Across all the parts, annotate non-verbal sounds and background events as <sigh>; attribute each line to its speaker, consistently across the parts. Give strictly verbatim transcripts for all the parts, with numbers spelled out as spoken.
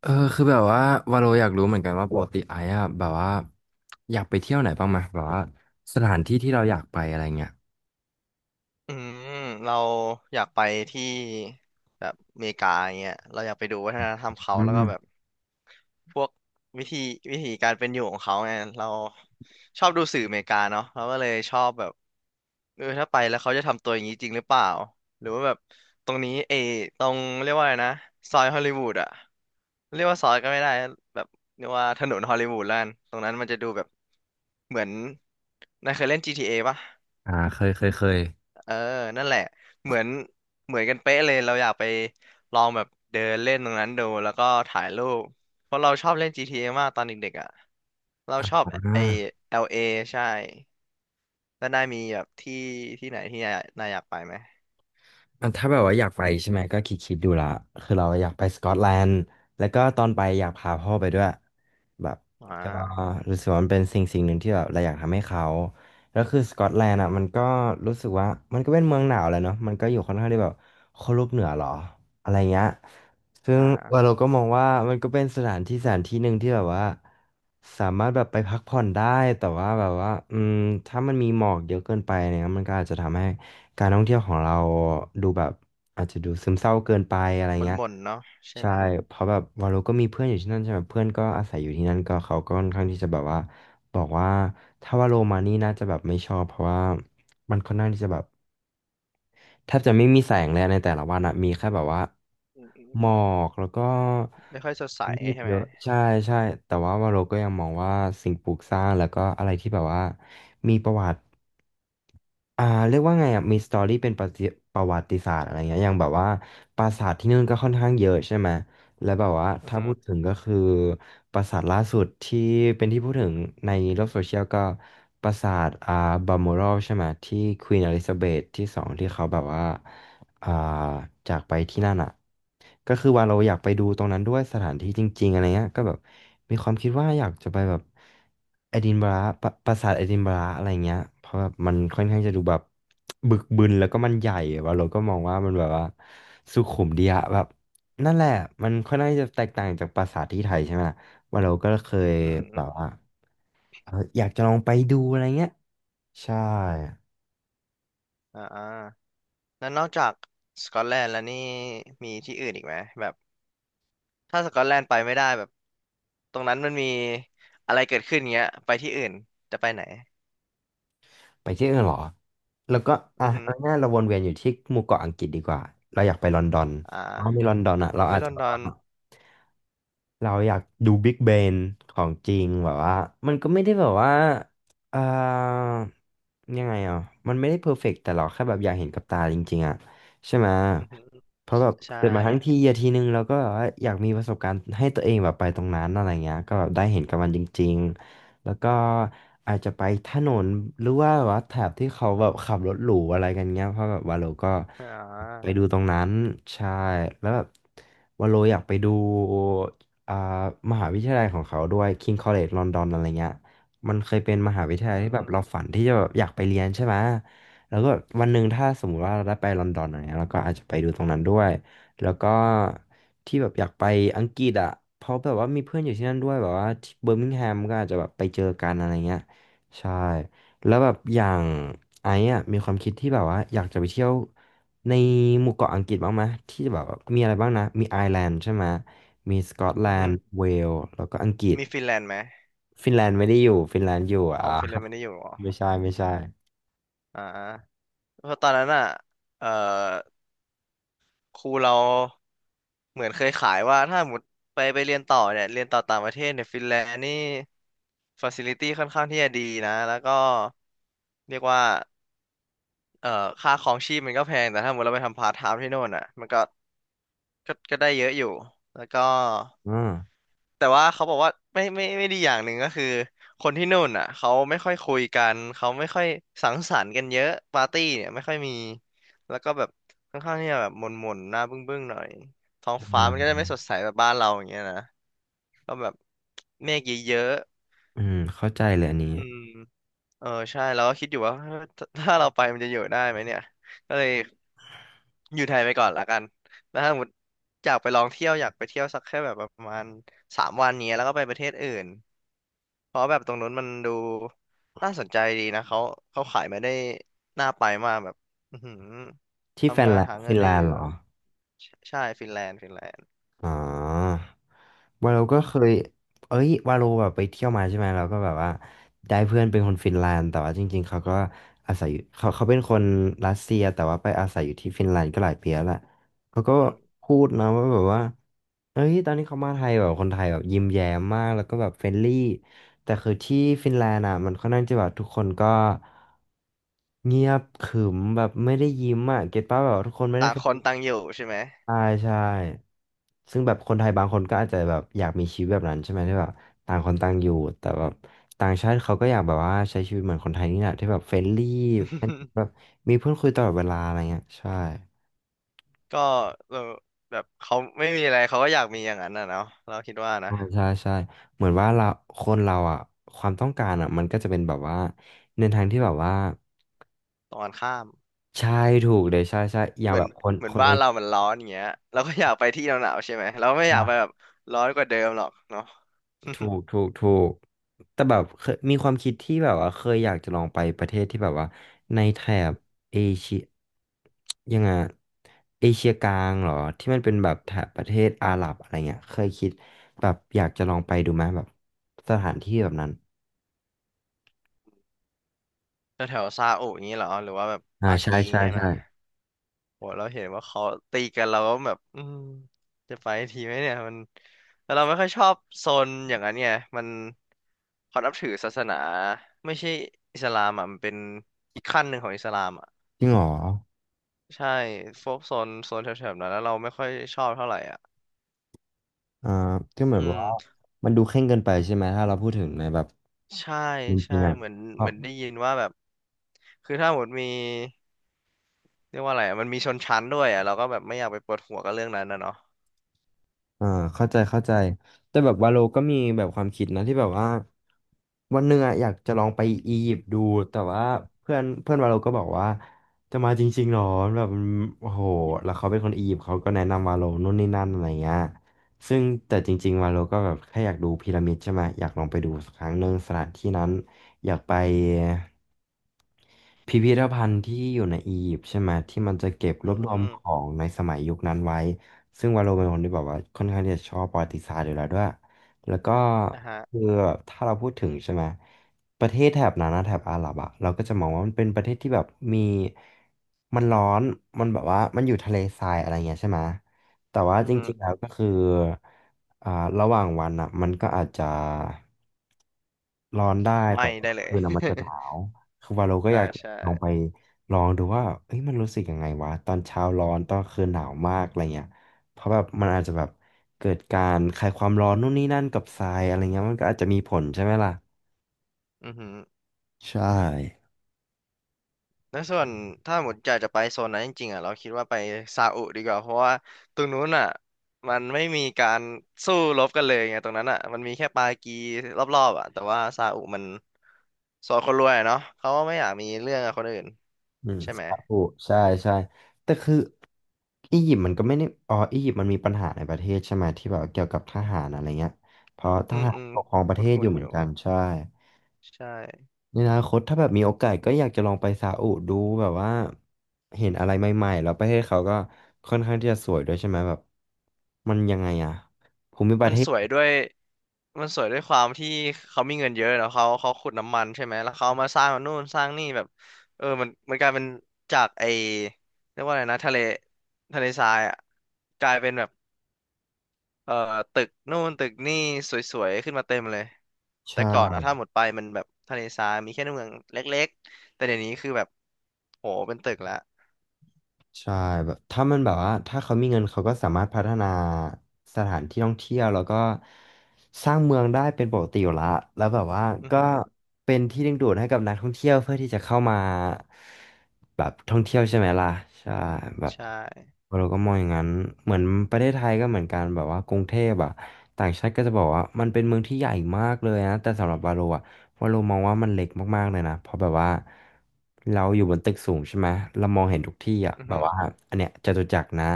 Speaker 1: เออคือแบบว่าวาโลอยากรู้เหมือนกันว่าปกติไอ้อะแบบว่าอยากไปเที่ยวไหนบ้างไหมแบบว่าสถานที่ที่เราอยากไปอะไรเงี้ย
Speaker 2: อืมเราอยากไปที่แบบอเมริกาอย่างเงี้ยเราอยากไปดูวัฒนธรรมเขา
Speaker 1: อื
Speaker 2: แล้ว
Speaker 1: ม
Speaker 2: ก็แบบพวกวิธีวิธีการเป็นอยู่ของเขาไงเราชอบดูสื่ออเมริกาเนาะเราก็เลยชอบแบบเออถ้าไปแล้วเขาจะทำตัวอย่างนี้จริงหรือเปล่าหรือว่าแบบตรงนี้เออตรงเรียกว่าอะไรนะซอยฮอลลีวูดอะเรียกว่าซอยก็ไม่ได้แบบเรียกว่าถนนฮอลลีวูดแล้วกันตรงนั้นมันจะดูแบบเหมือนนายเคยเล่น จี ที เอ ปะ
Speaker 1: อ่าเคยเคยเคย
Speaker 2: เออนั่นแหละ เหมือนเหมือนกันเป๊ะเลยเราอยากไปลองแบบเดินเล่นตรงนั้นดู แล้วก็ถ่ายรูปเพราะเราชอบเล่น จี ที เอ มากตอนเด็กๆอ่ะ เรา
Speaker 1: อ่า
Speaker 2: ชอบไอ้ แอล เอ ใช่ แล้วนายมีแบบที่ที่ไหนที่นายนายอยากไปไหม
Speaker 1: อันถ้าแบบว่าอยากไปใช่ไหมก็คิดคิดดูละคือเราอยากไปสกอตแลนด์แล้วก็ตอนไปอยากพาพ่อไปด้วยแบบ
Speaker 2: อ่
Speaker 1: ก็
Speaker 2: า
Speaker 1: รู้สึกว่ามันเป็นสิ่งสิ่งหนึ่งที่แบบเราอยากทำให้เขาแล้วคือสกอตแลนด์อ่ะมันก็รู้สึกว่ามันก็เป็นเมืองหนาวแหละเนาะมันก็อยู่ค่อนข้างที่แบบขั้วโลกเหนือหรออะไรเงี้ยซึ่ง
Speaker 2: อ่า
Speaker 1: เราก็มองว่ามันก็เป็นสถานที่สถานที่หนึ่งที่แบบว่าสามารถแบบไปพักผ่อนได้แต่ว่าแบบว่าอืมถ้ามันมีหมอกเยอะเกินไปเนี่ยมันก็อาจจะทำให้ การท่องเที่ยวของเราดูแบบอาจจะดูซึมเศร้าเกินไปอะไร
Speaker 2: มัน
Speaker 1: เงี้ย
Speaker 2: หม่นๆเนาะใช่
Speaker 1: ใช่
Speaker 2: ไหม
Speaker 1: เพราะแบบวาโลก็มีเพื่อนอยู่ที่นั่นใช่ไหมเพื่อนก็อาศัยอยู่ที่นั่นก็เขาก็ค่อนข้างที่จะแบบว่าบอกว่าถ้าวาโลมานี่น่าจะแบบไม่ชอบเพราะว่ามันค่อนข้างที่จะแบบแทบจะไม่มีแสงเลยในแต่ละวันอะมีแค่แบบว่า
Speaker 2: อืมอืม
Speaker 1: หมอกแล้วก็
Speaker 2: ไม่ค่อยสดใส
Speaker 1: เมฆ
Speaker 2: ใช่ไห
Speaker 1: เย
Speaker 2: ม
Speaker 1: อะใช่ใช่แต่ว่าวาโลก็ยังมองว่าสิ่งปลูกสร้างแล้วก็อะไรที่แบบว่ามีประวัติ อ่าเรียกว่าไงอ่ะมีสตอรี่เป็นประจิประวัติศาสตร์อะไรเงี้ยอย่างแบบว่าปราสาทที่นู่นก็ค่อนข้างเยอะใช่ไหมแล้วแบบว่า
Speaker 2: อือ
Speaker 1: ถ้า
Speaker 2: ฮึ
Speaker 1: พูดถึงก็คือปราสาทล่าสุดที่เป็นที่พูดถึงในโลกโซเชียลก็ปราสาทอ่าบัลมอรัลใช่ไหมที่ควีนอลิซาเบธที่สองที่เขาแบบว่า อ่าจากไปที่นั่นอ่ะก็คือว่าเราอยากไปดูตรงนั้นด้วยสถานที่จริงๆอะไรเงี้ยก็แบบมีความคิดว่าอยากจะไปแบบเอดินบะระปะปราสาทเอดินบะระอะไรเงี้ยเพราะแบบมันค่อนข้างจะดูแบบบึกบึนแล้วก็มันใหญ่ว่าเราก็มองว่ามันแบบว่าสุขุมดีอะแบบนั่นแหละมันค่อนข้างจะแตกต่างจากปราสาทที่ไทยใช่ไหมล่ะว่าเราก็เคย
Speaker 2: อืมอ
Speaker 1: แบบ
Speaker 2: ม
Speaker 1: ว่าเอออยากจะลองไปดูอะไรเงี้ยใช่
Speaker 2: อ่าอ่าแล้วนอกจากสกอตแลนด์แล้วนี่มีที่อื่นอีกไหมแบบ ถ้าสกอตแลนด์ไปไม่ได้แบบตรงนั้นมันมีอะไรเกิดขึ้นเงี้ยไปที่อื่นจะไปไหน
Speaker 1: ไปที่อื่นเหรอ แล้วก็อ่ะ
Speaker 2: อือฮึ
Speaker 1: เอาง่ายๆเราวนเวียนอยู่ที่หมู่เกาะอังกฤษดีกว่า เราอยากไปลอนดอน
Speaker 2: อ่
Speaker 1: เพราะใน
Speaker 2: า
Speaker 1: ลอนดอนอ่ะเราอา
Speaker 2: วิ
Speaker 1: จ
Speaker 2: ล
Speaker 1: จะ
Speaker 2: อน
Speaker 1: แบ
Speaker 2: ด
Speaker 1: บ
Speaker 2: อ
Speaker 1: ว่า
Speaker 2: น
Speaker 1: เราอยากดู Big b เ n นของจริงแบบว่ามันก็ไม่ได้แบบว่าเอ่อยังไงอ่ะมันไม่ได้เพอร์เฟกต์แต่เราแค่แบบอยากเห็นกับตาจริงๆอ่ะใช่ไหม
Speaker 2: อือฮึ
Speaker 1: เพราะแบ
Speaker 2: ใช่
Speaker 1: บ
Speaker 2: ใช่
Speaker 1: เกิดมาทั้งทีอะทีนึงเราก็แบบว่าอยากมีประสบการณ์ให้ตัวเองแบบไปตรงนั้นอะไรเงี้ยก็แบบได้เห็นกับมันจริงๆแล้วก็อาจจะไปถนนหรือว่าแบบว่าแถบที่เขาแบบขับรถหรูอะไรกันเงี้ยเพราะแบบวาโลก็
Speaker 2: อ่
Speaker 1: ไป
Speaker 2: า
Speaker 1: ดูตรงนั้นใช่แล้วแบบวาโลอยากไปดู อ่ามหาวิทยาลัยของเขาด้วย King College London อะไรเงี้ยมันเคยเป็นมหาวิท
Speaker 2: อื
Speaker 1: ยา
Speaker 2: อ
Speaker 1: ลัย
Speaker 2: ฮึ
Speaker 1: ที่แบบเราฝันที่จะแบบอยากไปเรียนใช่ไหมแล้วก็วันหนึ่งถ้าสมมุติว่าเราได้ไปลอนดอนอะไรเงี้ยเราก็อาจจะไปดูตรงนั้นด้วยแล้วก็ที่แบบอยากไปอังกฤษอ่ะเพราะแบบว่ามีเพื่อนอยู่ที่นั่นด้วยแบบว่าที่เบอร์มิงแฮมก็อาจจะแบบไปเจอกันอะไรเงี้ยใช่แล้วแบบอย่างไอ้อะมีความคิดที่แบบว่าอยากจะไปเที่ยว ในหมู่เกาะอังกฤษบ้างไหมที่แบบว่ามีอะไรบ้างนะมีไอร์แลนด์ใช่ไหมมีสกอตแล
Speaker 2: อือฮึ
Speaker 1: นด์เวลส์แล้วก็อังกฤษ
Speaker 2: มีฟินแลนด์ไหม
Speaker 1: ฟินแลนด์ไม่ได้อยู่ฟินแลนด์อยู่
Speaker 2: อ๋
Speaker 1: อ่า
Speaker 2: อฟินแลนด์ไม่ได้อยู่เหรอ
Speaker 1: <laughs> ไม่ใช่ไม่ใช่
Speaker 2: อ่าเพราะตอนนั้นอ่ะเอ่อครูเราเหมือนเคยขายว่าถ้าหมดไปไปเรียนต่อเนี่ยเรียนต่อต่างประเทศเนี่ยฟินแลนด์นี่ฟาซิลิตี้ค่อนข้างที่จะดีนะแล้วก็เรียกว่า เอ่อค่าครองชีพมันก็แพงแต่ถ้าสมมติเราไปทำพาร์ทไทม์ที่โน่นอ่ะมันก็ก็ก็ได้เยอะอยู่แล้วก็
Speaker 1: อ่า
Speaker 2: แต่ว่าเขาบอกว่าไม่ไม่ไม่ดีอย่างหนึ่งก็คือคนที่นู่นอ่ะเขาไม่ค่อยคุยกันเขาไม่ค่อยสังสรรค์กันเยอะปาร์ตี้เนี่ยไม่ค่อยมีแล้วก็แบบค่อนข้างที่จะแบบหม่นๆหน้าบึ้งๆหน่อยท้องฟ้ามันก็จะไม่สดใสแบบบ้านเราอย่างเงี้ยนะก็แบบเมฆเยอะ
Speaker 1: อืมเข้าใจเลยอันนี้
Speaker 2: ๆอืม เออใช่เราก็คิดอยู่ว่า <laughs> ถ้าถ้าเราไปมันจะอยู่ได้ไหมเนี่ยก็เลยอยู่ไทยไปก่อนละกันแล้วถ้าสมมติอยากไปลองเที่ยวอยากไปเที่ยวสักแค่แบบประมาณสามวันเนี้ยแล้วก็ไปประเทศอื่นเพราะแบบตรงนู้นมันดูน่าสนใจดีนะเขาเขาขายมาได้น่าไปมากแบบอือหือ
Speaker 1: ที่แฟ
Speaker 2: ทำ
Speaker 1: น
Speaker 2: งา
Speaker 1: แล
Speaker 2: น
Speaker 1: น
Speaker 2: หา
Speaker 1: ด์
Speaker 2: เงิ
Speaker 1: ฟิ
Speaker 2: น
Speaker 1: นแล
Speaker 2: ได้เย
Speaker 1: นด์เห
Speaker 2: อะ
Speaker 1: รอ
Speaker 2: ใช่ใช่ฟินแลนด์ฟินแลนด์
Speaker 1: อ๋อวาโลก็เคยเอ้ยวาโลแบบไปเที่ยวมาใช่ไหมเราก็แบบว่าได้เพื่อนเป็นคนฟินแลนด์แต่ว่าจริงๆเขาก็อาศัยอยู่เขาเขาเป็นคนรัสเซียแต่ว่าไปอาศัยอยู่ที่ฟินแลนด์ก็หลายปีแล้วแหละเขาก็
Speaker 2: อืม
Speaker 1: พูดนะว่าแบบว่า เอ้ยตอนนี้เขามาไทยแบบคนไทยแบบยิ้มแย้มมาก แล้วก็แบบเฟรนลี่แต่คือที่ฟินแลนด์อ่ะมันค่อนข้างจะแบบทุกคนก็เงียบขรึมแบบไม่ได้ยิ้มอ่ะเก็ตป่ะแบบว่าทุกคนไม่ได้
Speaker 2: ต่าง
Speaker 1: เฟรน
Speaker 2: คนต่างอยู่ใช่ไหม
Speaker 1: ใช่ใช่ซึ่งแบบคนไทยบางคนก็อาจจะแบบอยากมีชีวิตแบบนั้นใช่ไหมที่แบบต่างคนต่างอยู่แต่แบบต่างชาติเขาก็อยากแบบว่าใช้ชีวิตเหมือนคนไทยนี่แหละที่แบบเฟรนลี่แบบ
Speaker 2: <laughs>
Speaker 1: มีเพื่อนคุยตลอดเวลาอะไรเงี้ยใช่
Speaker 2: ก็เออแบบเขาไม่มีอะไรเขาก็อยากมีอย่างนั้นน่ะเนาะเราคิดว่านะ
Speaker 1: ใช่ใช่ใช่เหมือนว่าเราคนเราอ่ะความต้องการอ่ะมันก็จะเป็นแบบว่าในทางที่แบบว่า
Speaker 2: ตรงกันข้าม
Speaker 1: ใช่ถูกเลยใช่ใช่อย่า
Speaker 2: เห
Speaker 1: ง
Speaker 2: มือ
Speaker 1: แบ
Speaker 2: น
Speaker 1: บคน
Speaker 2: เหมือ
Speaker 1: ค
Speaker 2: น
Speaker 1: น
Speaker 2: บ้า
Speaker 1: เอ
Speaker 2: น
Speaker 1: เช
Speaker 2: เรามันร้อนอย่างเงี้ยเราก็อยากไปที่หนาวๆใช่ไหมเราไม่อ
Speaker 1: ี
Speaker 2: ยากไปแบ
Speaker 1: ย
Speaker 2: บร้อนกว่าเดิมหรอกเนาะ
Speaker 1: ถู
Speaker 2: <laughs>
Speaker 1: กถูกถูกแต่แบบเคยมีความคิดที่แบบว่าเคยอยากจะลองไปประเทศที่แบบว่าในแถบเอเชียยังไงอะเอเชียกลางเหรอที่มันเป็นแบบแถบประเทศอาหรับอะไรเงี้ยเคยคิดแบบอยากจะลองไปดูไหมแบบสถานที่แบบนั้น
Speaker 2: แถวแซาอุอย่างงี้เหรอหรือว่าแบบ
Speaker 1: อ่า
Speaker 2: ปา
Speaker 1: ใช่
Speaker 2: กีอย่าง
Speaker 1: ใช่
Speaker 2: เงี้ย
Speaker 1: ใช่
Speaker 2: นะโหเราเห็นว่าเขาตีกันเราก็แบบอืมจะไปทีไหมเนี่ยมันแล้วเราไม่ค่อยชอบโซนอย่างนั้นไงมันเขานับถือศาสนาไม่ใช่อิสลามอ่ะมันเป็นอีกขั้นหนึ่งของอิสลามอ่ะ
Speaker 1: จริงเหรอ
Speaker 2: ใช่พวกโซนโซนแถวๆนั้นแล้วเราไม่ค่อยชอบเท่าไหร่อ่ะ
Speaker 1: อ่าก็เหมื
Speaker 2: อื
Speaker 1: อน
Speaker 2: ม
Speaker 1: ว่ามันดูเคร่งเกินไปใช่ไหมถ้าเราพูดถึงในแบบ
Speaker 2: ใช่
Speaker 1: จร
Speaker 2: ใช่
Speaker 1: ิงๆอ่ะ
Speaker 2: เหมือนเหมือนได้ยินว่าแบบคือถ้าหมดมีเรียกว่าอะไรอะมันมีชนชั้นด้วยอ่ะเราก็แบบไม่อยากไปปวดหัวกับเรื่องนั้นนะเนาะ
Speaker 1: อ่าเข้าใจเข้าใจแต่แบบวาโลก็มีแบบความคิดนะที่แบบว่าวันหนึ่งอะอยากจะลองไปอียิปต์ดูแต่ว่าเพื่อนเพื่อนวาโลก็บอกว่าจะมาจริงๆหรอแบบมันโอ้โห
Speaker 2: อียิปต์
Speaker 1: แล้วเขาเป็นคนอียิปต์เขาก็แนะนำวาโลนู่นนี่นั่นอะไรเงี้ยซึ่งแต่จริงๆวาโลก็แบบแค่อยากดูพีระมิดใช่ไหมอยากลองไปดูสักครั้งหนึ่งสถานที่นั้นอยากไปพิพิธภัณฑ์ที่อยู่ในอียิปต์ใช่ไหมที่มันจะเก็บร
Speaker 2: อื
Speaker 1: วบรวม
Speaker 2: ม
Speaker 1: ของในสมัยยุคนั้นไว้ ซึ่งวาโลเป็นคนที่แบบว่าค่อนข้างที่จะชอบประวัติศาสตร์อยู่แล้วด้วย แล้วก็
Speaker 2: อ่ะฮะ
Speaker 1: คือถ้าเราพูดถึงใช่ไหมประเทศแถบนั้นนะแถบอาหรับอะเราก็จะมองว่ามันเป็นประเทศที่แบบมีมันร้อนมันแบบว่ามันอยู่ทะเลทรายอะไรเงี้ยใช่ไหมแต่ว่า
Speaker 2: อื
Speaker 1: จ
Speaker 2: อฮึ
Speaker 1: ริงๆแล้วก็คืออ่าระหว่างวันอะมันก็อาจจะร้อนได้แต่
Speaker 2: ไม่
Speaker 1: ว่า
Speaker 2: ได้เลย
Speaker 1: คืนอะมันจะหนาวคือวาโลก็
Speaker 2: <laughs> อ่า
Speaker 1: อยาก
Speaker 2: ใช่
Speaker 1: ลองไปลองดูว่าเอ้ยมันรู้สึกยังไงวะตอนเช้าร้อนตอนคืนหนาวมากอะไรเงี้ย เพราะแบบมันอาจจะแบบเกิดการคลายความร้อนนู่นนี่นั่นกับทรายอะไรเงี้ยมันก็อาจจะมีผลใช่ไหมล่ะ
Speaker 2: อือฮึ
Speaker 1: ใช่
Speaker 2: แล้วส่วนถ้าหมดอยากจะไปโซนนั้นจริงๆอ่ะเราคิดว่าไปซาอุดีกว่าเพราะว่าตรงนู้นอ่ะมันไม่มีการสู้รบกันเลยไงตรงนั้นอ่ะมันมีแค่ปากีรอบๆอ่ะแต่ว่าซาอุมันสอนคนรวยอะเนาะเขาก็ไม่อยากมีเรื่องกับคนอื่น
Speaker 1: อืม
Speaker 2: ใช่ไหม
Speaker 1: สาอุใช่ใช่แต่คืออียิปต์มันก็ไม่ได้อ๋ออียิปต์มันมีปัญหาในประเทศใช่ไหมที่แบบเกี่ยวกับทหารอะไรเงี้ยเพราะท
Speaker 2: อืม
Speaker 1: หาร
Speaker 2: อืม
Speaker 1: ปกครองประเทศอ
Speaker 2: คุ้น
Speaker 1: ยู่
Speaker 2: ๆ
Speaker 1: เห
Speaker 2: อ
Speaker 1: มือน
Speaker 2: ยู่
Speaker 1: กันใช่
Speaker 2: ใช่
Speaker 1: ในอนาคตถ้าแบบมีโอกาสก็อยากจะลองไปซาอุดูแบบว่าเห็นอะไรใหม่ๆแล้วประเทศเขาก็ค่อนข้างที่จะสวยด้วยใช่ไหมแบบมันยังไงอะภูมิประ
Speaker 2: มัน
Speaker 1: เทศ
Speaker 2: สวยด้วยมันสวยด้วยความที่เขามีเงินเยอะเนาะเขาเขาขุดน้ำมันใช่ไหมแล้วเขาเอามาสร้างนู่นสร้างนี่แบบเออมันมันกลายเป็นจากไอเรียกว่าอะไรนะทะเลทะเลทรายอ่ะกลายเป็นแบบเอ่อตึกนู่นตึกนี่สวยๆขึ้นมาเต็มเลยแต่
Speaker 1: ใช่
Speaker 2: ก่อนอะถ้าหมดไปมันแบบทะเลทรายมีแค่เมืองเล็กๆแต่เดี๋ยวนี้คือแบบโหเป็นตึกละ
Speaker 1: ใช่แบบถ้ามันแบบว่าถ้าเขามีเงินเขาก็สามารถพัฒนาสถานที่ท่องเที่ยวแล้วก็สร้างเมืองได้เป็นปกติอยู่ละแล้วแบบว่า
Speaker 2: อือ
Speaker 1: ก็
Speaker 2: หือ
Speaker 1: เป็นที่ดึงดูดให้กับนักท่องเที่ยวเพื่อที่จะเข้ามาแบบท่องเที่ยวใช่ไหมล่ะใช่แบบ
Speaker 2: ใช่
Speaker 1: เราก็มองอย่างนั้นเหมือนประเทศไทยก็เหมือนกันแบบว่ากรุงเทพอะต่างชาติก็จะบอกว่ามันเป็นเมืองที่ใหญ่มากเลยนะแต่สำหรับบาโลอะ ว่าเรามองว่ามันเล็กมากๆเลยนะ เพราะแบบว่าเราอยู่บนตึกสูงใช่ไหมเรามองเห็นทุกที่อ่ะ
Speaker 2: อือ
Speaker 1: แบ
Speaker 2: หื
Speaker 1: บ
Speaker 2: อ
Speaker 1: ว่าอันเนี้ยจตุจักรนะ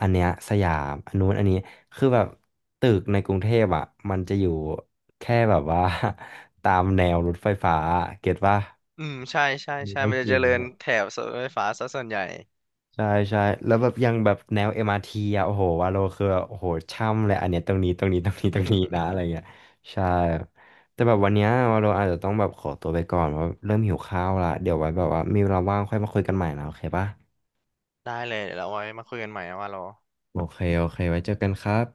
Speaker 1: อันเนี้ยสยามอันนู้นอันนี้คือแบบตึกในกรุงเทพอ่ะมันจะอยู่แค่แบบว่า <laughs> ตามแนวรถไฟฟ้าเก็ตว่า
Speaker 2: อืมใช่ใช่
Speaker 1: มี
Speaker 2: ใช่
Speaker 1: ต้อง
Speaker 2: มัน
Speaker 1: จ
Speaker 2: จะ
Speaker 1: ริ
Speaker 2: เจ
Speaker 1: ง
Speaker 2: ริญแถบรถไฟฟ้าซะส่วนใหญ่
Speaker 1: ใช่ใช่แล้วแบบยังแบบแนว เอ็ม อาร์ ที อมอาร์ทีอ่ะโอ้โหวาโลคือโอ้โหช่ำเลยอันเนี้ยตรงนี้ตรงนี้ตรงนี้ตรงนี้นะอะ
Speaker 2: <laughs>
Speaker 1: ไรเงี้ยใช่ครับแต่แบบวันเนี้ยวาโลอาจจะต้องแบบขอตัวไปก่อนเพราะเริ่มหิวข้าวละเดี๋ยวไว้แบบว่ามีเวลาว่างค่อยมาคุยกันใหม่นะโอเคปะ
Speaker 2: ได้เลยเดี๋ยวเราไว้มาคุยกันใหม่นะว่าโล
Speaker 1: โอเคโอเคไว้เจอกันครับ